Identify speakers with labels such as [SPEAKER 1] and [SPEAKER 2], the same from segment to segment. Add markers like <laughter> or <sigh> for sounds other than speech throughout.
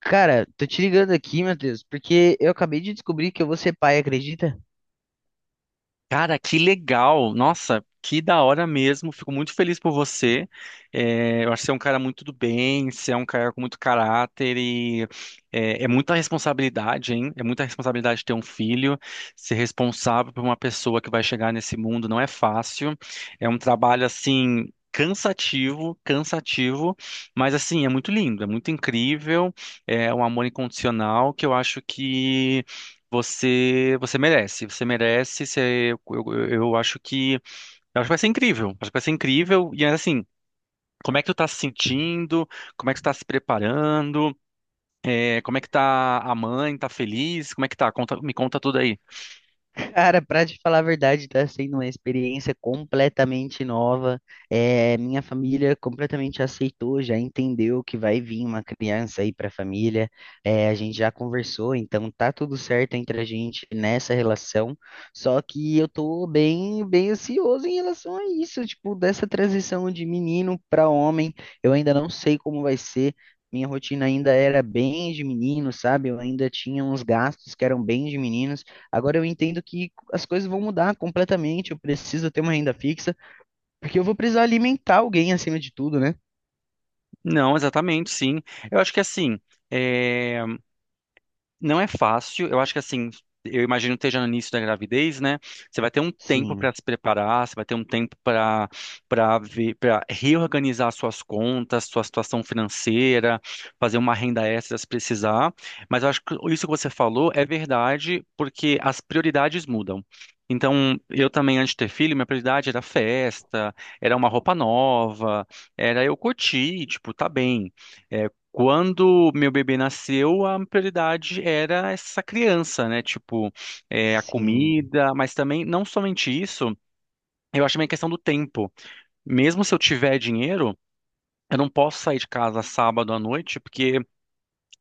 [SPEAKER 1] Cara, tô te ligando aqui, Matheus, porque eu acabei de descobrir que eu vou ser pai, acredita?
[SPEAKER 2] Cara, que legal! Nossa, que da hora mesmo. Fico muito feliz por você. Eu acho que você é um cara muito do bem, você é um cara com muito caráter e muita responsabilidade, hein? É muita responsabilidade ter um filho, ser responsável por uma pessoa que vai chegar nesse mundo não é fácil. É um trabalho assim. Cansativo, cansativo, mas assim, é muito lindo, é muito incrível, é um amor incondicional que eu acho que você merece, você merece. Você, eu acho que, eu acho que vai ser incrível. Acho que vai ser incrível. E assim, como é que tu tá se sentindo? Como é que tu tá se preparando? Como é que tá a mãe? Tá feliz? Como é que tá? Me conta tudo aí.
[SPEAKER 1] Cara, pra te falar a verdade, tá sendo uma experiência completamente nova. É, minha família completamente aceitou, já entendeu que vai vir uma criança aí pra família. É, a gente já conversou, então tá tudo certo entre a gente nessa relação. Só que eu tô bem, bem ansioso em relação a isso, tipo, dessa transição de menino pra homem. Eu ainda não sei como vai ser. Minha rotina ainda era bem de menino, sabe? Eu ainda tinha uns gastos que eram bem de meninos. Agora eu entendo que as coisas vão mudar completamente, eu preciso ter uma renda fixa, porque eu vou precisar alimentar alguém acima de tudo, né?
[SPEAKER 2] Não, exatamente, sim. Eu acho que assim, é, não é fácil, eu acho que assim, eu imagino que esteja no início da gravidez, né? Você vai ter um tempo
[SPEAKER 1] Sim,
[SPEAKER 2] para se preparar, você vai ter um tempo para ver, para reorganizar suas contas, sua situação financeira, fazer uma renda extra se precisar. Mas eu acho que isso que você falou é verdade, porque as prioridades mudam. Então, eu também, antes de ter filho, minha prioridade era festa, era uma roupa nova, era eu curtir, tipo, tá bem. É, quando meu bebê nasceu, a prioridade era essa criança, né? Tipo, a
[SPEAKER 1] sim.
[SPEAKER 2] comida, mas também, não somente isso, eu acho também a questão do tempo. Mesmo se eu tiver dinheiro, eu não posso sair de casa sábado à noite, porque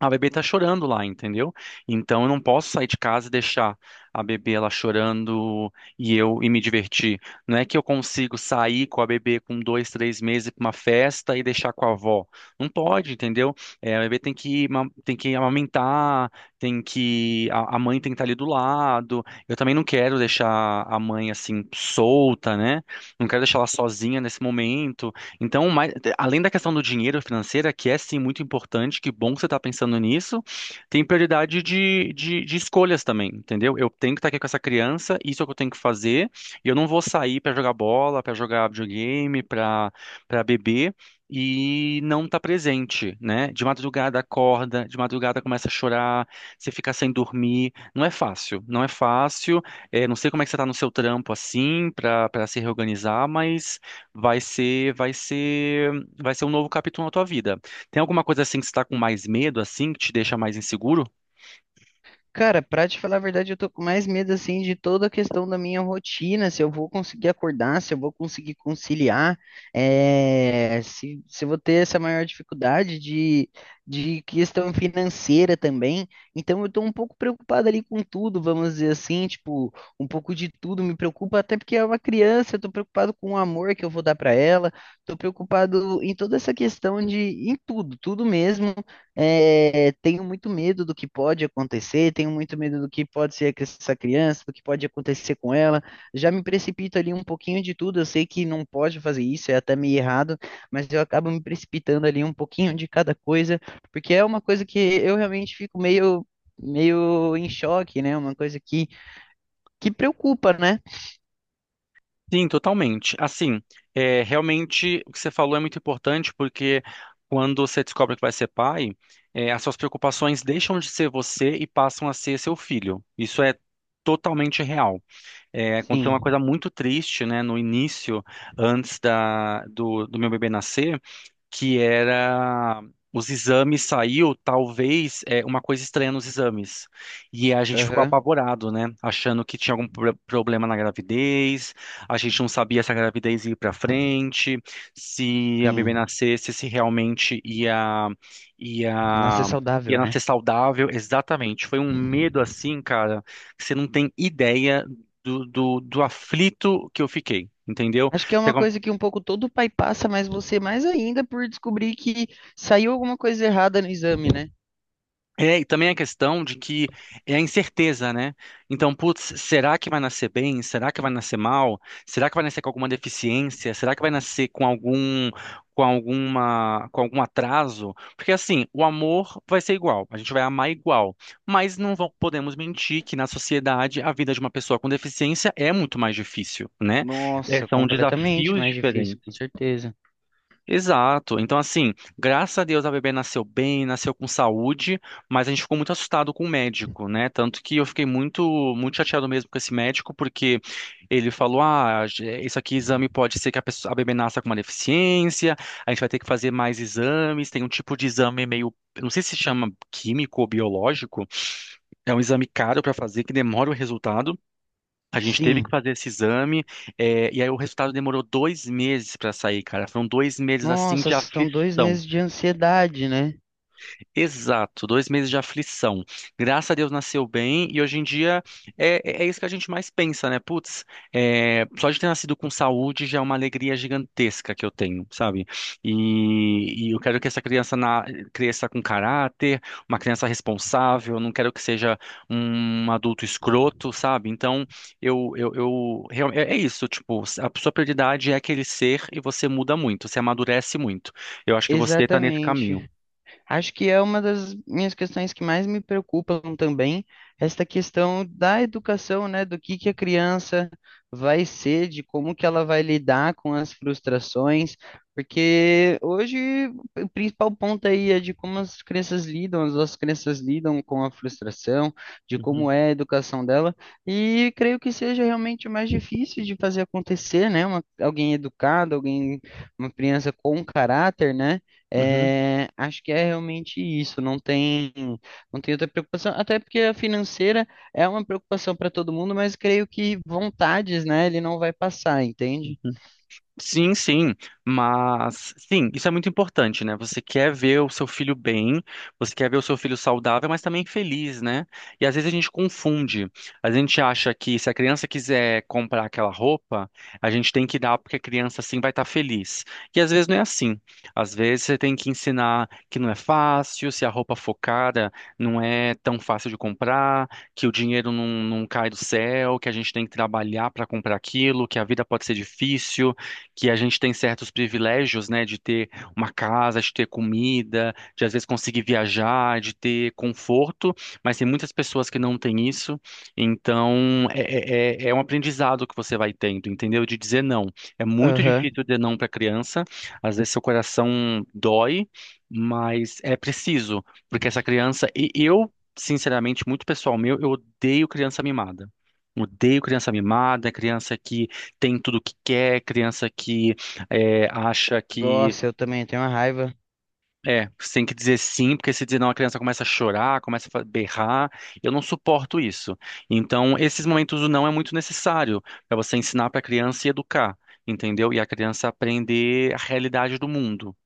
[SPEAKER 2] a bebê tá chorando lá, entendeu? Então eu não posso sair de casa e deixar a bebê ela chorando e eu e me divertir. Não é que eu consigo sair com a bebê com dois, três meses para uma festa e deixar com a avó. Não pode, entendeu? É, a bebê tem que amamentar, tem que a mãe tem que estar ali do lado. Eu também não quero deixar a mãe assim solta, né? Não quero deixar ela sozinha nesse momento. Então, além da questão do dinheiro financeira, que é sim muito importante, que bom que você está pensando nisso, tem prioridade de escolhas também, entendeu? Eu tenho que estar aqui com essa criança, isso é o que eu tenho que fazer, e eu não vou sair para jogar bola, para jogar videogame, para beber. E não tá presente, né? De madrugada acorda, de madrugada começa a chorar, você fica sem dormir. Não é fácil, não é fácil. Não sei como é que você tá no seu trampo assim, para se reorganizar, mas vai ser, vai ser, vai ser um novo capítulo na tua vida. Tem alguma coisa assim que você está com mais medo, assim, que te deixa mais inseguro?
[SPEAKER 1] Cara, pra te falar a verdade, eu tô com mais medo assim de toda a questão da minha rotina, se eu vou conseguir acordar, se eu vou conseguir conciliar, se eu vou ter essa maior dificuldade de questão financeira também. Então eu tô um pouco preocupado ali com tudo, vamos dizer assim, tipo, um pouco de tudo me preocupa, até porque é uma criança, eu tô preocupado com o amor que eu vou dar pra ela, tô preocupado em toda essa questão de, em tudo, tudo mesmo. Eh, Tenho muito medo do que pode acontecer, tenho muito medo do que pode ser com essa criança, do que pode acontecer com ela. Já me precipito ali um pouquinho de tudo. Eu sei que não pode fazer isso, é até meio errado, mas eu acabo me precipitando ali um pouquinho de cada coisa, porque é uma coisa que eu realmente fico meio em choque, né? Uma coisa que preocupa, né?
[SPEAKER 2] Sim, totalmente. Assim, realmente o que você falou é muito importante porque quando você descobre que vai ser pai, as suas preocupações deixam de ser você e passam a ser seu filho. Isso é totalmente real. Aconteceu uma
[SPEAKER 1] Sim.
[SPEAKER 2] coisa muito triste, né, no início, antes do meu bebê nascer. Que era os exames saiu, talvez, uma coisa estranha nos exames. E a gente ficou
[SPEAKER 1] Aham.
[SPEAKER 2] apavorado, né? Achando que tinha problema na gravidez, a gente não sabia se a gravidez ia para frente, se a bebê
[SPEAKER 1] Sim.
[SPEAKER 2] nascesse, se realmente ia,
[SPEAKER 1] Nossa, é saudável,
[SPEAKER 2] ia
[SPEAKER 1] né?
[SPEAKER 2] nascer saudável. Exatamente. Foi um medo assim, cara, que você não tem ideia do aflito que eu fiquei. Entendeu?
[SPEAKER 1] Acho que é
[SPEAKER 2] Você
[SPEAKER 1] uma coisa que um pouco todo pai passa, mas você mais ainda por descobrir que saiu alguma coisa errada no exame, né?
[SPEAKER 2] é, e também a questão de que é a incerteza, né? Então, putz, será que vai nascer bem? Será que vai nascer mal? Será que vai nascer com alguma deficiência? Será que vai nascer com alguma, com algum atraso? Porque assim, o amor vai ser igual, a gente vai amar igual, mas não vão- podemos mentir que na sociedade a vida de uma pessoa com deficiência é muito mais difícil, né? É,
[SPEAKER 1] Nossa,
[SPEAKER 2] são
[SPEAKER 1] completamente
[SPEAKER 2] desafios
[SPEAKER 1] mais difícil, com
[SPEAKER 2] diferentes.
[SPEAKER 1] certeza.
[SPEAKER 2] Exato. Então, assim, graças a Deus a bebê nasceu bem, nasceu com saúde, mas a gente ficou muito assustado com o médico, né? Tanto que eu fiquei muito, muito chateado mesmo com esse médico, porque ele falou: ah, isso aqui, exame pode ser que a pessoa, a bebê nasça com uma deficiência, a gente vai ter que fazer mais exames. Tem um tipo de exame meio, eu não sei se chama químico ou biológico, é um exame caro para fazer, que demora o resultado. A gente teve que
[SPEAKER 1] Sim.
[SPEAKER 2] fazer esse exame, e aí o resultado demorou dois meses para sair, cara. Foram dois meses assim
[SPEAKER 1] Nossa,
[SPEAKER 2] de
[SPEAKER 1] são dois
[SPEAKER 2] aflição.
[SPEAKER 1] meses de ansiedade, né?
[SPEAKER 2] Exato, dois meses de aflição. Graças a Deus nasceu bem e hoje em dia é isso que a gente mais pensa, né? Putz, só de ter nascido com saúde já é uma alegria gigantesca que eu tenho, sabe? E eu quero que cresça com caráter, uma criança responsável, eu não quero que seja um adulto escroto, sabe? Então, eu isso, tipo, a sua prioridade é aquele ser e você muda muito, você amadurece muito. Eu acho que você tá nesse caminho.
[SPEAKER 1] Exatamente. Acho que é uma das minhas questões que mais me preocupam também, esta questão da educação, né, do que a criança vai ser, de como que ela vai lidar com as frustrações, porque hoje o principal ponto aí é de como as crianças lidam, as nossas crianças lidam com a frustração, de
[SPEAKER 2] Uhum.
[SPEAKER 1] como é a educação dela, e creio que seja realmente o mais difícil de fazer acontecer, né, uma, alguém educado, alguém, uma criança com caráter, né,
[SPEAKER 2] Uhum.
[SPEAKER 1] é, acho que é realmente isso, não tem, não tem outra preocupação, até porque a financeira é uma preocupação para todo mundo, mas creio que vontades, né, ele não vai passar, entende?
[SPEAKER 2] Uhum. Sim, sim, mas sim, isso é muito importante, né? Você quer ver o seu filho bem, você quer ver o seu filho saudável, mas também feliz, né? E às vezes a gente confunde. A gente acha que se a criança quiser comprar aquela roupa, a gente tem que dar porque a criança assim vai estar feliz. E às vezes não é assim. Às vezes você tem que ensinar que não é fácil, se a roupa for cara não é tão fácil de comprar, que o dinheiro não cai do céu, que a gente tem que trabalhar para comprar aquilo, que a vida pode ser difícil que a gente tem certos privilégios, né, de ter uma casa, de ter comida, de às vezes conseguir viajar, de ter conforto, mas tem muitas pessoas que não têm isso. Então, é um aprendizado que você vai tendo, entendeu? De dizer não. É muito
[SPEAKER 1] Aham.
[SPEAKER 2] difícil dizer não para criança. Às vezes seu coração dói, mas é preciso, porque essa criança, e eu, sinceramente, muito pessoal meu, eu odeio criança mimada. Odeio criança mimada, criança que tem tudo o que quer, criança que acha que.
[SPEAKER 1] Nossa, eu também tenho uma raiva.
[SPEAKER 2] É, você tem que dizer sim, porque se dizer não, a criança começa a chorar, berrar. Eu não suporto isso. Então, esses momentos do não é muito necessário para você ensinar para a criança e educar, entendeu? E a criança aprender a realidade do mundo.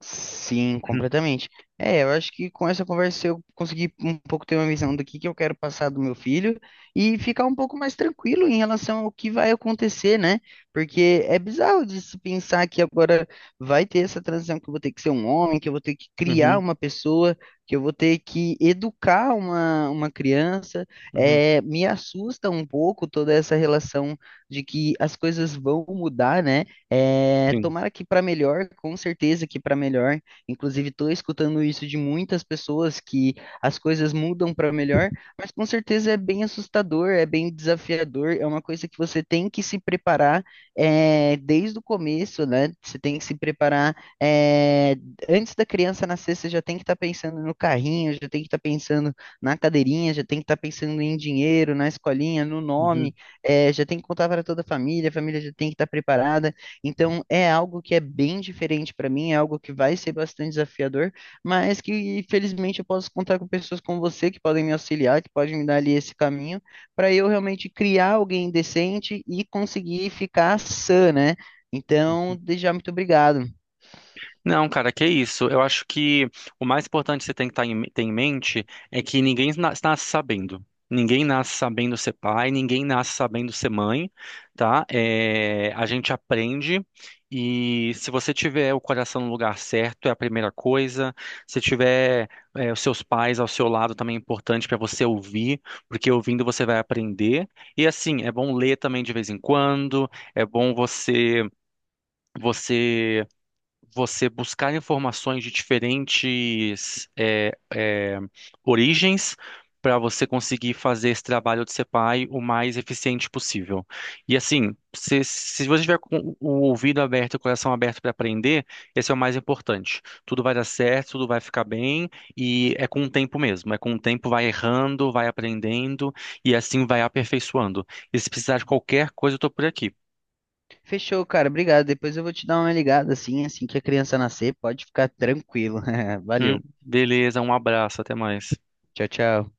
[SPEAKER 1] Sim,
[SPEAKER 2] Uhum,
[SPEAKER 1] completamente. É, eu acho que com essa conversa eu consegui um pouco ter uma visão do que eu quero passar do meu filho e ficar um pouco mais tranquilo em relação ao que vai acontecer, né? Porque é bizarro de se pensar que agora vai ter essa transição que eu vou ter que ser um homem, que eu vou ter que criar
[SPEAKER 2] uhum,
[SPEAKER 1] uma pessoa, que eu vou ter que educar uma criança.
[SPEAKER 2] uhum,
[SPEAKER 1] É, me assusta um pouco toda essa relação de que as coisas vão mudar, né? É,
[SPEAKER 2] sim.
[SPEAKER 1] tomara que para melhor, com certeza que para melhor. Inclusive, estou escutando isso de muitas pessoas que as coisas mudam para melhor, mas com certeza é bem assustador, é bem desafiador, é uma coisa que você tem que se preparar desde o começo, né? Você tem que se preparar é, antes da criança nascer, você já tem que estar pensando no carrinho, já tem que estar pensando na cadeirinha, já tem que estar pensando em dinheiro, na escolinha, no
[SPEAKER 2] Uhum.
[SPEAKER 1] nome, já tem que contar para toda a família já tem que estar preparada. Então, é algo que é bem diferente para mim, é algo que vai ser bastante desafiador, mas que felizmente eu posso contar com pessoas como você que podem me auxiliar, que podem me dar ali esse caminho, para eu realmente criar alguém decente e conseguir ficar sã, né? Então, desde já, muito obrigado.
[SPEAKER 2] Não, cara, que isso. Eu acho que o mais importante que você tem que tá em- ter em mente é que nasce sabendo. Ninguém nasce sabendo ser pai, ninguém nasce sabendo ser mãe, tá? A gente aprende e se você tiver o coração no lugar certo, é a primeira coisa. Se tiver os seus pais ao seu lado também é importante para você ouvir, porque ouvindo você vai aprender. E assim, é bom ler também de vez em quando, é bom você você buscar informações de diferentes origens para você conseguir fazer esse trabalho de CPAI o mais eficiente possível. E assim, se você tiver com o ouvido aberto e o coração aberto para aprender, esse é o mais importante. Tudo vai dar certo, tudo vai ficar bem, e é com o tempo mesmo. É com o tempo, vai errando, vai aprendendo, e assim vai aperfeiçoando. E se precisar de qualquer coisa, eu estou por aqui.
[SPEAKER 1] Fechou, cara, obrigado. Depois eu vou te dar uma ligada assim, assim que a criança nascer, pode ficar tranquilo. <laughs> Valeu.
[SPEAKER 2] Beleza, um abraço, até mais.
[SPEAKER 1] Tchau, tchau.